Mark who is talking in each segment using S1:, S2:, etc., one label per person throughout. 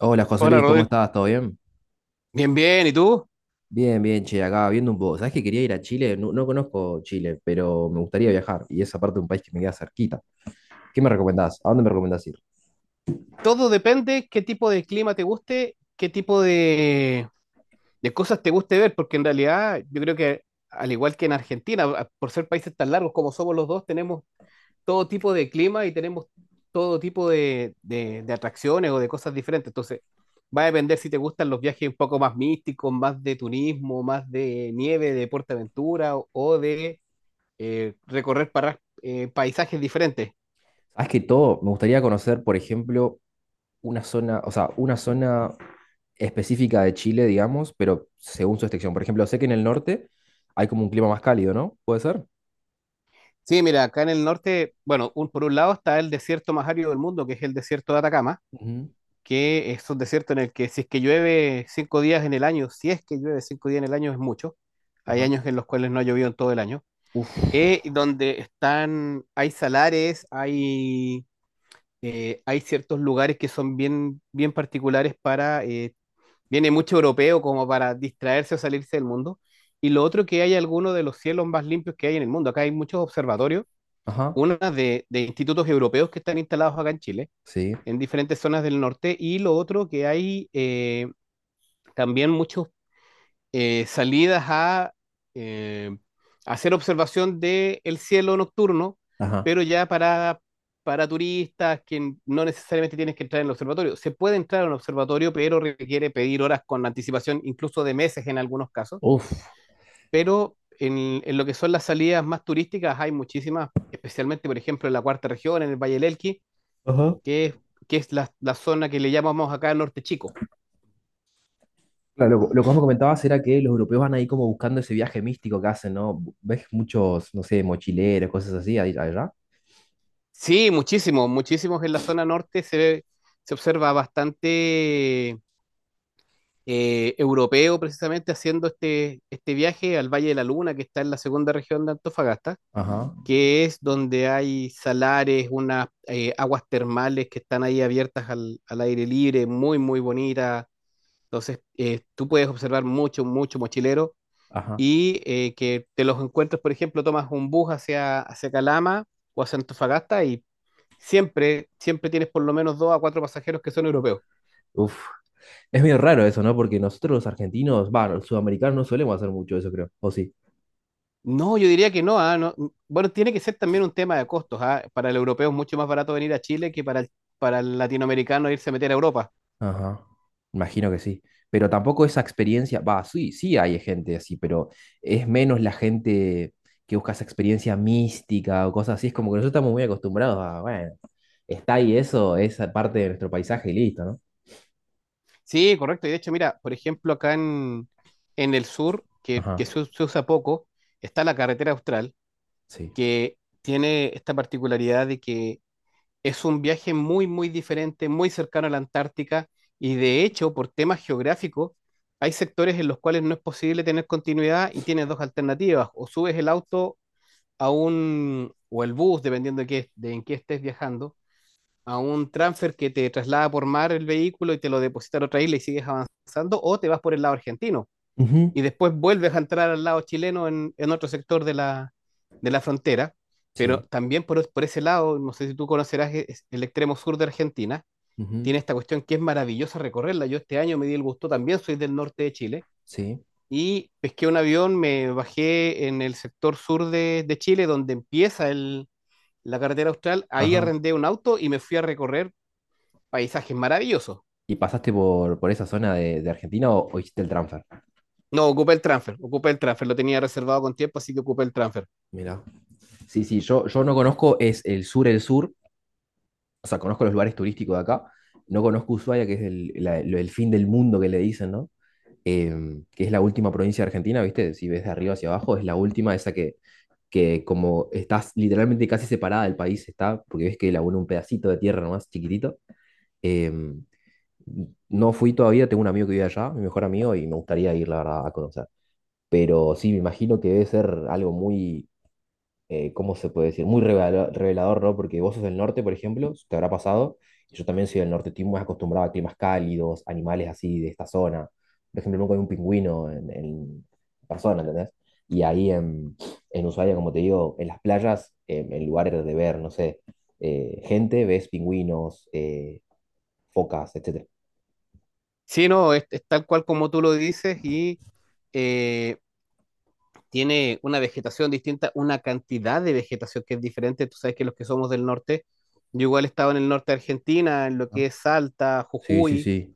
S1: Hola José
S2: Hola,
S1: Luis, ¿cómo
S2: Rodrigo.
S1: estás? ¿Todo bien?
S2: Bien, bien. ¿Y tú?
S1: Bien, bien, che, acá viendo un poco. ¿Sabés que quería ir a Chile? No, no conozco Chile, pero me gustaría viajar y esa parte de un país que me queda cerquita. ¿Qué me recomendás? ¿A dónde me recomendás ir?
S2: Todo depende qué tipo de clima te guste, qué tipo de cosas te guste ver, porque en realidad yo creo que al igual que en Argentina, por ser países tan largos como somos los dos, tenemos todo tipo de clima y tenemos todo tipo de atracciones o de cosas diferentes. Entonces, va a depender si te gustan los viajes un poco más místicos, más de turismo, más de nieve, de PortAventura o de recorrer para, paisajes diferentes.
S1: Sabés que todo, me gustaría conocer, por ejemplo, una zona, o sea, una zona específica de Chile, digamos, pero según su extensión. Por ejemplo, sé que en el norte hay como un clima más cálido, ¿no? ¿Puede ser?
S2: Sí, mira, acá en el norte, bueno, por un lado está el desierto más árido del mundo, que es el desierto de Atacama,
S1: Ujú.
S2: que es un desierto en el que si es que llueve cinco días en el año, si es que llueve cinco días en el año es mucho. Hay
S1: Ajá.
S2: años en los cuales no ha llovido en todo el año.
S1: Uf.
S2: Y donde están, hay salares, hay ciertos lugares que son bien, bien particulares para, viene mucho europeo como para distraerse o salirse del mundo. Y lo otro que hay algunos de los cielos más limpios que hay en el mundo. Acá hay muchos observatorios
S1: Ajá.
S2: una de institutos europeos que están instalados acá en Chile,
S1: Sí.
S2: en diferentes zonas del norte, y lo otro que hay también muchas salidas a eh, hacer observación del cielo nocturno,
S1: Ajá.
S2: pero ya para turistas que no necesariamente tienes que entrar en el observatorio. Se puede entrar en un observatorio, pero requiere pedir horas con anticipación, incluso de meses en algunos casos,
S1: Uf.
S2: pero en lo que son las salidas más turísticas hay muchísimas, especialmente, por ejemplo, en la cuarta región, en el Valle del Elqui,
S1: Ajá.
S2: que es, que es la, la zona que le llamamos acá Norte Chico.
S1: Claro, lo que vos me comentabas era que los europeos van ahí como buscando ese viaje místico que hacen, ¿no? ¿Ves muchos, no sé, mochileros, cosas así allá?
S2: Sí, muchísimos, muchísimos en la zona norte se observa bastante europeo precisamente haciendo este, este viaje al Valle de la Luna, que está en la segunda región de Antofagasta,
S1: Ajá,
S2: que es donde hay salares, unas aguas termales que están ahí abiertas al, al aire libre, muy, muy bonitas. Entonces, tú puedes observar mucho, mucho mochilero
S1: ajá.
S2: y que te los encuentres, por ejemplo, tomas un bus hacia, hacia Calama o hacia Antofagasta y siempre, siempre tienes por lo menos dos a cuatro pasajeros que son europeos.
S1: Uf. Es medio raro eso, ¿no? Porque nosotros los argentinos, va, los sudamericanos no solemos hacer mucho eso, creo. ¿O sí?
S2: No, yo diría que no, ah, no. Bueno, tiene que ser también un tema de costos, ah. Para el europeo es mucho más barato venir a Chile que para el latinoamericano irse a meter a Europa.
S1: Ajá. Imagino que sí. Pero tampoco esa experiencia, va, sí, sí hay gente así, pero es menos la gente que busca esa experiencia mística o cosas así. Es como que nosotros estamos muy acostumbrados a, bueno, está ahí eso, esa parte de nuestro paisaje y listo, ¿no?
S2: Sí, correcto. Y de hecho, mira, por ejemplo, acá en el sur,
S1: Ajá.
S2: que se usa poco, está la carretera austral,
S1: Sí.
S2: que tiene esta particularidad de que es un viaje muy, muy diferente, muy cercano a la Antártica y de hecho, por temas geográficos, hay sectores en los cuales no es posible tener continuidad y tienes dos alternativas, o subes el auto a un, o el bus, dependiendo de, de en qué estés viajando, a un transfer que te traslada por mar el vehículo y te lo deposita en otra isla y sigues avanzando, o te vas por el lado argentino
S1: Ujú.
S2: y después vuelves a entrar al lado chileno en otro sector de la frontera, pero
S1: Sí,
S2: también por ese lado, no sé si tú conocerás el extremo sur de Argentina,
S1: ujú,
S2: tiene esta cuestión que es maravillosa recorrerla. Yo este año me di el gusto, también soy del norte de Chile,
S1: sí,
S2: y pesqué un avión, me bajé en el sector sur de Chile, donde empieza la carretera austral, ahí
S1: ajá.
S2: arrendé un auto y me fui a recorrer paisajes maravillosos.
S1: ¿Y pasaste por esa zona de Argentina o hiciste el transfer?
S2: No, ocupé el transfer, lo tenía reservado con tiempo, así que ocupé el transfer.
S1: Mira, sí, sí, yo no conozco, es el sur, o sea, conozco los lugares turísticos de acá, no conozco Ushuaia, que es el fin del mundo que le dicen, ¿no? Que es la última provincia de Argentina, ¿viste? Si ves de arriba hacia abajo, es la última, esa que como estás literalmente casi separada del país, está, porque ves que la une un pedacito de tierra nomás, chiquitito. Em, No fui todavía, tengo un amigo que vive allá, mi mejor amigo, y me gustaría ir, la verdad, a conocer. Pero sí, me imagino que debe ser algo muy, ¿cómo se puede decir? Muy revelador, ¿no? Porque vos sos del norte, por ejemplo, te habrá pasado, y yo también soy del norte, estoy muy acostumbrado a climas cálidos, animales así de esta zona. Por ejemplo, nunca vi un pingüino en persona, ¿entendés? Y ahí en Ushuaia, como te digo, en las playas, en lugares de ver, no sé, gente, ves pingüinos, focas, etcétera.
S2: Sí, no, es tal cual como tú lo dices y eh, tiene una vegetación distinta, una cantidad de vegetación que es diferente. Tú sabes que los que somos del norte, yo igual he estado en el norte de Argentina, en lo
S1: Ajá.
S2: que es Salta,
S1: Sí, sí,
S2: Jujuy,
S1: sí.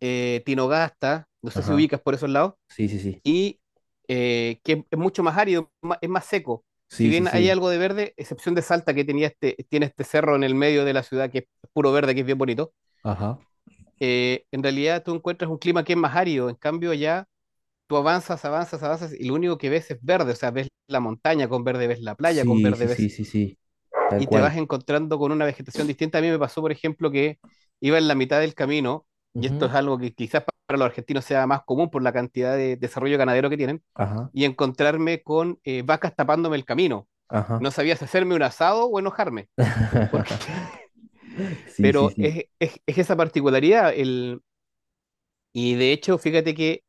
S2: Tinogasta, no sé si
S1: Ajá.
S2: ubicas por esos lados,
S1: Sí, sí, sí.
S2: y que es mucho más árido, es más seco. Si
S1: Sí, sí,
S2: bien hay
S1: sí.
S2: algo de verde, excepción de Salta que tenía este, tiene este cerro en el medio de la ciudad que es puro verde, que es bien bonito,
S1: Ajá.
S2: en realidad tú encuentras un clima que es más árido, en cambio allá tú avanzas, avanzas, avanzas y lo único que ves es verde, o sea, ves la montaña con verde, ves la playa con
S1: Sí, sí,
S2: verde,
S1: sí,
S2: ves
S1: sí, sí. Tal
S2: y te
S1: cual.
S2: vas encontrando con una vegetación distinta. A mí me pasó, por ejemplo, que iba en la mitad del camino, y esto
S1: Ujú.
S2: es algo que quizás para los argentinos sea más común por la cantidad de desarrollo ganadero que tienen,
S1: Ajá.
S2: y encontrarme con vacas tapándome el camino. No
S1: Ajá.
S2: sabía si hacerme un asado o enojarme, porque,
S1: Sí, sí,
S2: pero
S1: sí.
S2: es esa particularidad. El, y de hecho, fíjate que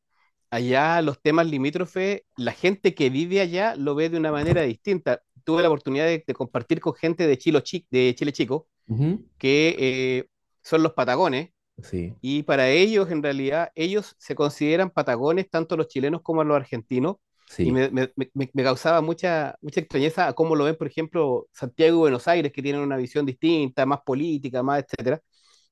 S2: allá los temas limítrofes, la gente que vive allá lo ve de una manera distinta. Tuve la oportunidad de compartir con gente de Chile, de Chile Chico,
S1: Ujú.
S2: que eh, son los patagones,
S1: Sí,
S2: y para ellos, en realidad, ellos se consideran patagones, tanto los chilenos como los argentinos, y
S1: sí.
S2: me causaba mucha, mucha extrañeza a cómo lo ven, por ejemplo, Santiago y Buenos Aires, que tienen una visión distinta, más política, más etcétera.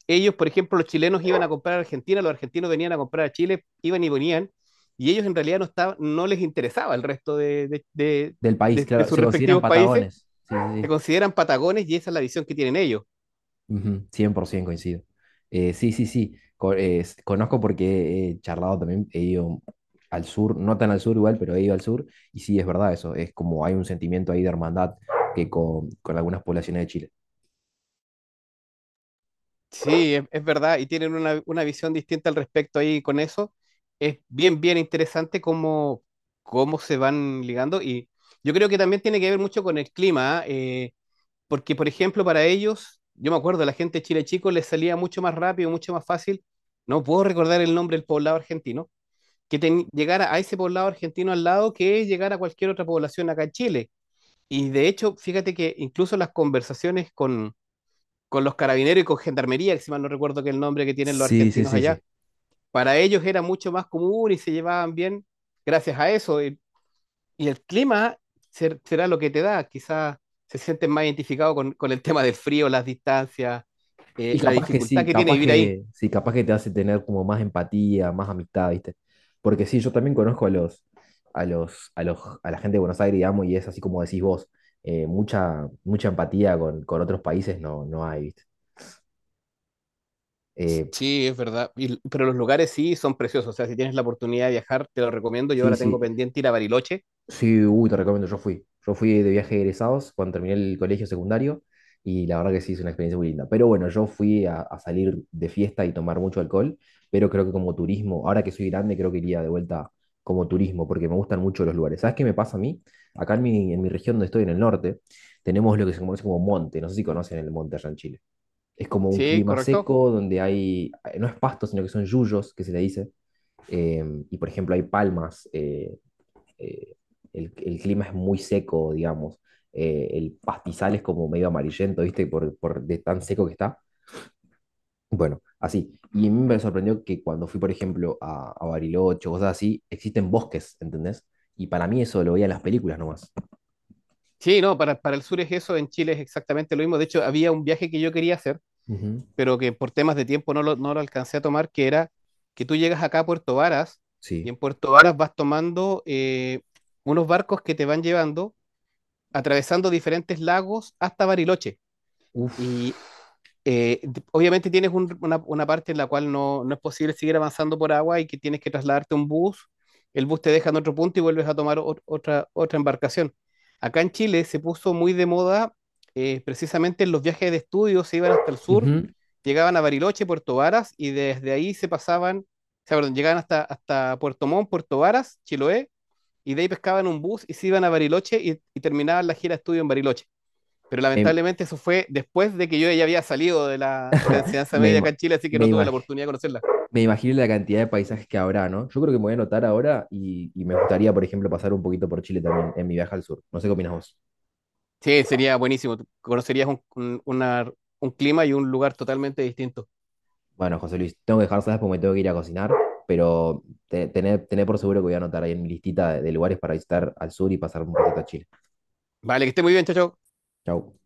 S2: Ellos, por ejemplo, los chilenos iban a comprar a Argentina, los argentinos venían a comprar a Chile, iban y venían, y ellos en realidad no, estaban, no les interesaba el resto
S1: Del país,
S2: de
S1: claro.
S2: sus
S1: Se consideran
S2: respectivos países,
S1: patagones. Sí, sí,
S2: se
S1: sí.
S2: consideran patagones y esa es la visión que tienen ellos.
S1: Ujú, 100% coincido. Sí, sí, sí. Conozco porque he charlado también. He ido al sur, no tan al sur igual, pero he ido al sur. Y sí, es verdad eso. Es como hay un sentimiento ahí de hermandad que con algunas poblaciones de Chile.
S2: Sí, es verdad, y tienen una visión distinta al respecto ahí con eso. Es bien, bien interesante cómo, cómo se van ligando y yo creo que también tiene que ver mucho con el clima. ¿Ah? Porque, por ejemplo, para ellos, yo me acuerdo, la gente de Chile Chico les salía mucho más rápido, mucho más fácil, no puedo recordar el nombre del poblado argentino, que llegara a ese poblado argentino al lado que llegar a cualquier otra población acá en Chile. Y de hecho, fíjate que incluso las conversaciones con los carabineros y con gendarmería, que si mal no recuerdo que el nombre que tienen los
S1: Sí, sí,
S2: argentinos
S1: sí,
S2: allá,
S1: sí.
S2: para ellos era mucho más común y se llevaban bien gracias a eso. Y el clima será lo que te da. Quizás se sienten más identificados con el tema del frío, las distancias,
S1: Y
S2: la
S1: capaz que
S2: dificultad
S1: sí,
S2: que tiene
S1: capaz
S2: vivir ahí.
S1: que sí, capaz que te hace tener como más empatía, más amistad, ¿viste? Porque sí, yo también conozco a los, a los, a los, a la gente de Buenos Aires, digamos, y es así como decís vos, mucha, mucha empatía con otros países no, no hay, ¿viste? Eh,
S2: Sí, es verdad. Pero los lugares sí son preciosos. O sea, si tienes la oportunidad de viajar, te lo recomiendo. Yo
S1: sí,
S2: ahora
S1: sí.
S2: tengo pendiente ir a Bariloche.
S1: Sí, uy, te recomiendo, yo fui. Yo fui de viaje de egresados cuando terminé el colegio secundario y la verdad que sí, es una experiencia muy linda. Pero bueno, yo fui a salir de fiesta y tomar mucho alcohol, pero creo que como turismo, ahora que soy grande, creo que iría de vuelta como turismo porque me gustan mucho los lugares. ¿Sabes qué me pasa a mí? Acá en mi región donde estoy, en el norte, tenemos lo que se conoce como monte. No sé si conocen el monte allá en Chile. Es como un
S2: Sí,
S1: clima
S2: correcto.
S1: seco donde hay, no es pasto, sino que son yuyos, que se le dice. Y por ejemplo, hay palmas. Eh, el clima es muy seco, digamos. El pastizal es como medio amarillento, ¿viste? Por de tan seco que está. Bueno, así. Y a mí me sorprendió que cuando fui, por ejemplo, a Bariloche cosas así, existen bosques, ¿entendés? Y para mí eso lo veía en las películas nomás.
S2: Sí, no, para el sur es eso. En Chile es exactamente lo mismo. De hecho, había un viaje que yo quería hacer,
S1: Ujú.
S2: pero que por temas de tiempo no lo, no lo alcancé a tomar, que era que tú llegas acá a Puerto Varas
S1: Sí.
S2: y en Puerto Varas vas tomando unos barcos que te van llevando, atravesando diferentes lagos hasta Bariloche.
S1: Uf.
S2: Y obviamente tienes una parte en la cual no, no es posible seguir avanzando por agua y que tienes que trasladarte a un bus. El bus te deja en otro punto y vuelves a tomar otra, otra embarcación. Acá en Chile se puso muy de moda precisamente en los viajes de estudio, se iban hasta el sur,
S1: Ujú.
S2: llegaban a Bariloche, Puerto Varas y desde ahí se pasaban, o sea, perdón, llegaban hasta, hasta Puerto Montt, Puerto Varas, Chiloé y de ahí pescaban un bus y se iban a Bariloche y terminaban la gira de estudio en Bariloche, pero
S1: Me,
S2: lamentablemente eso fue después de que yo ya había salido de la enseñanza
S1: me,
S2: media acá
S1: ima-
S2: en Chile, así que
S1: me
S2: no tuve la
S1: imag-
S2: oportunidad de conocerla.
S1: Me imagino la cantidad de paisajes que habrá, ¿no? Yo creo que me voy a anotar ahora y me gustaría, por ejemplo, pasar un poquito por Chile también en mi viaje al sur. No sé qué opinas vos.
S2: Sí, sería buenísimo, conocerías un, una, un clima y un lugar totalmente distinto.
S1: Bueno, José Luis, tengo que dejar, ¿sabes? Porque me tengo que ir a cocinar, pero tené por seguro que voy a anotar ahí en mi listita de lugares para visitar al sur y pasar un ratito a Chile.
S2: Vale, que esté muy bien, chao, chao.
S1: Chau.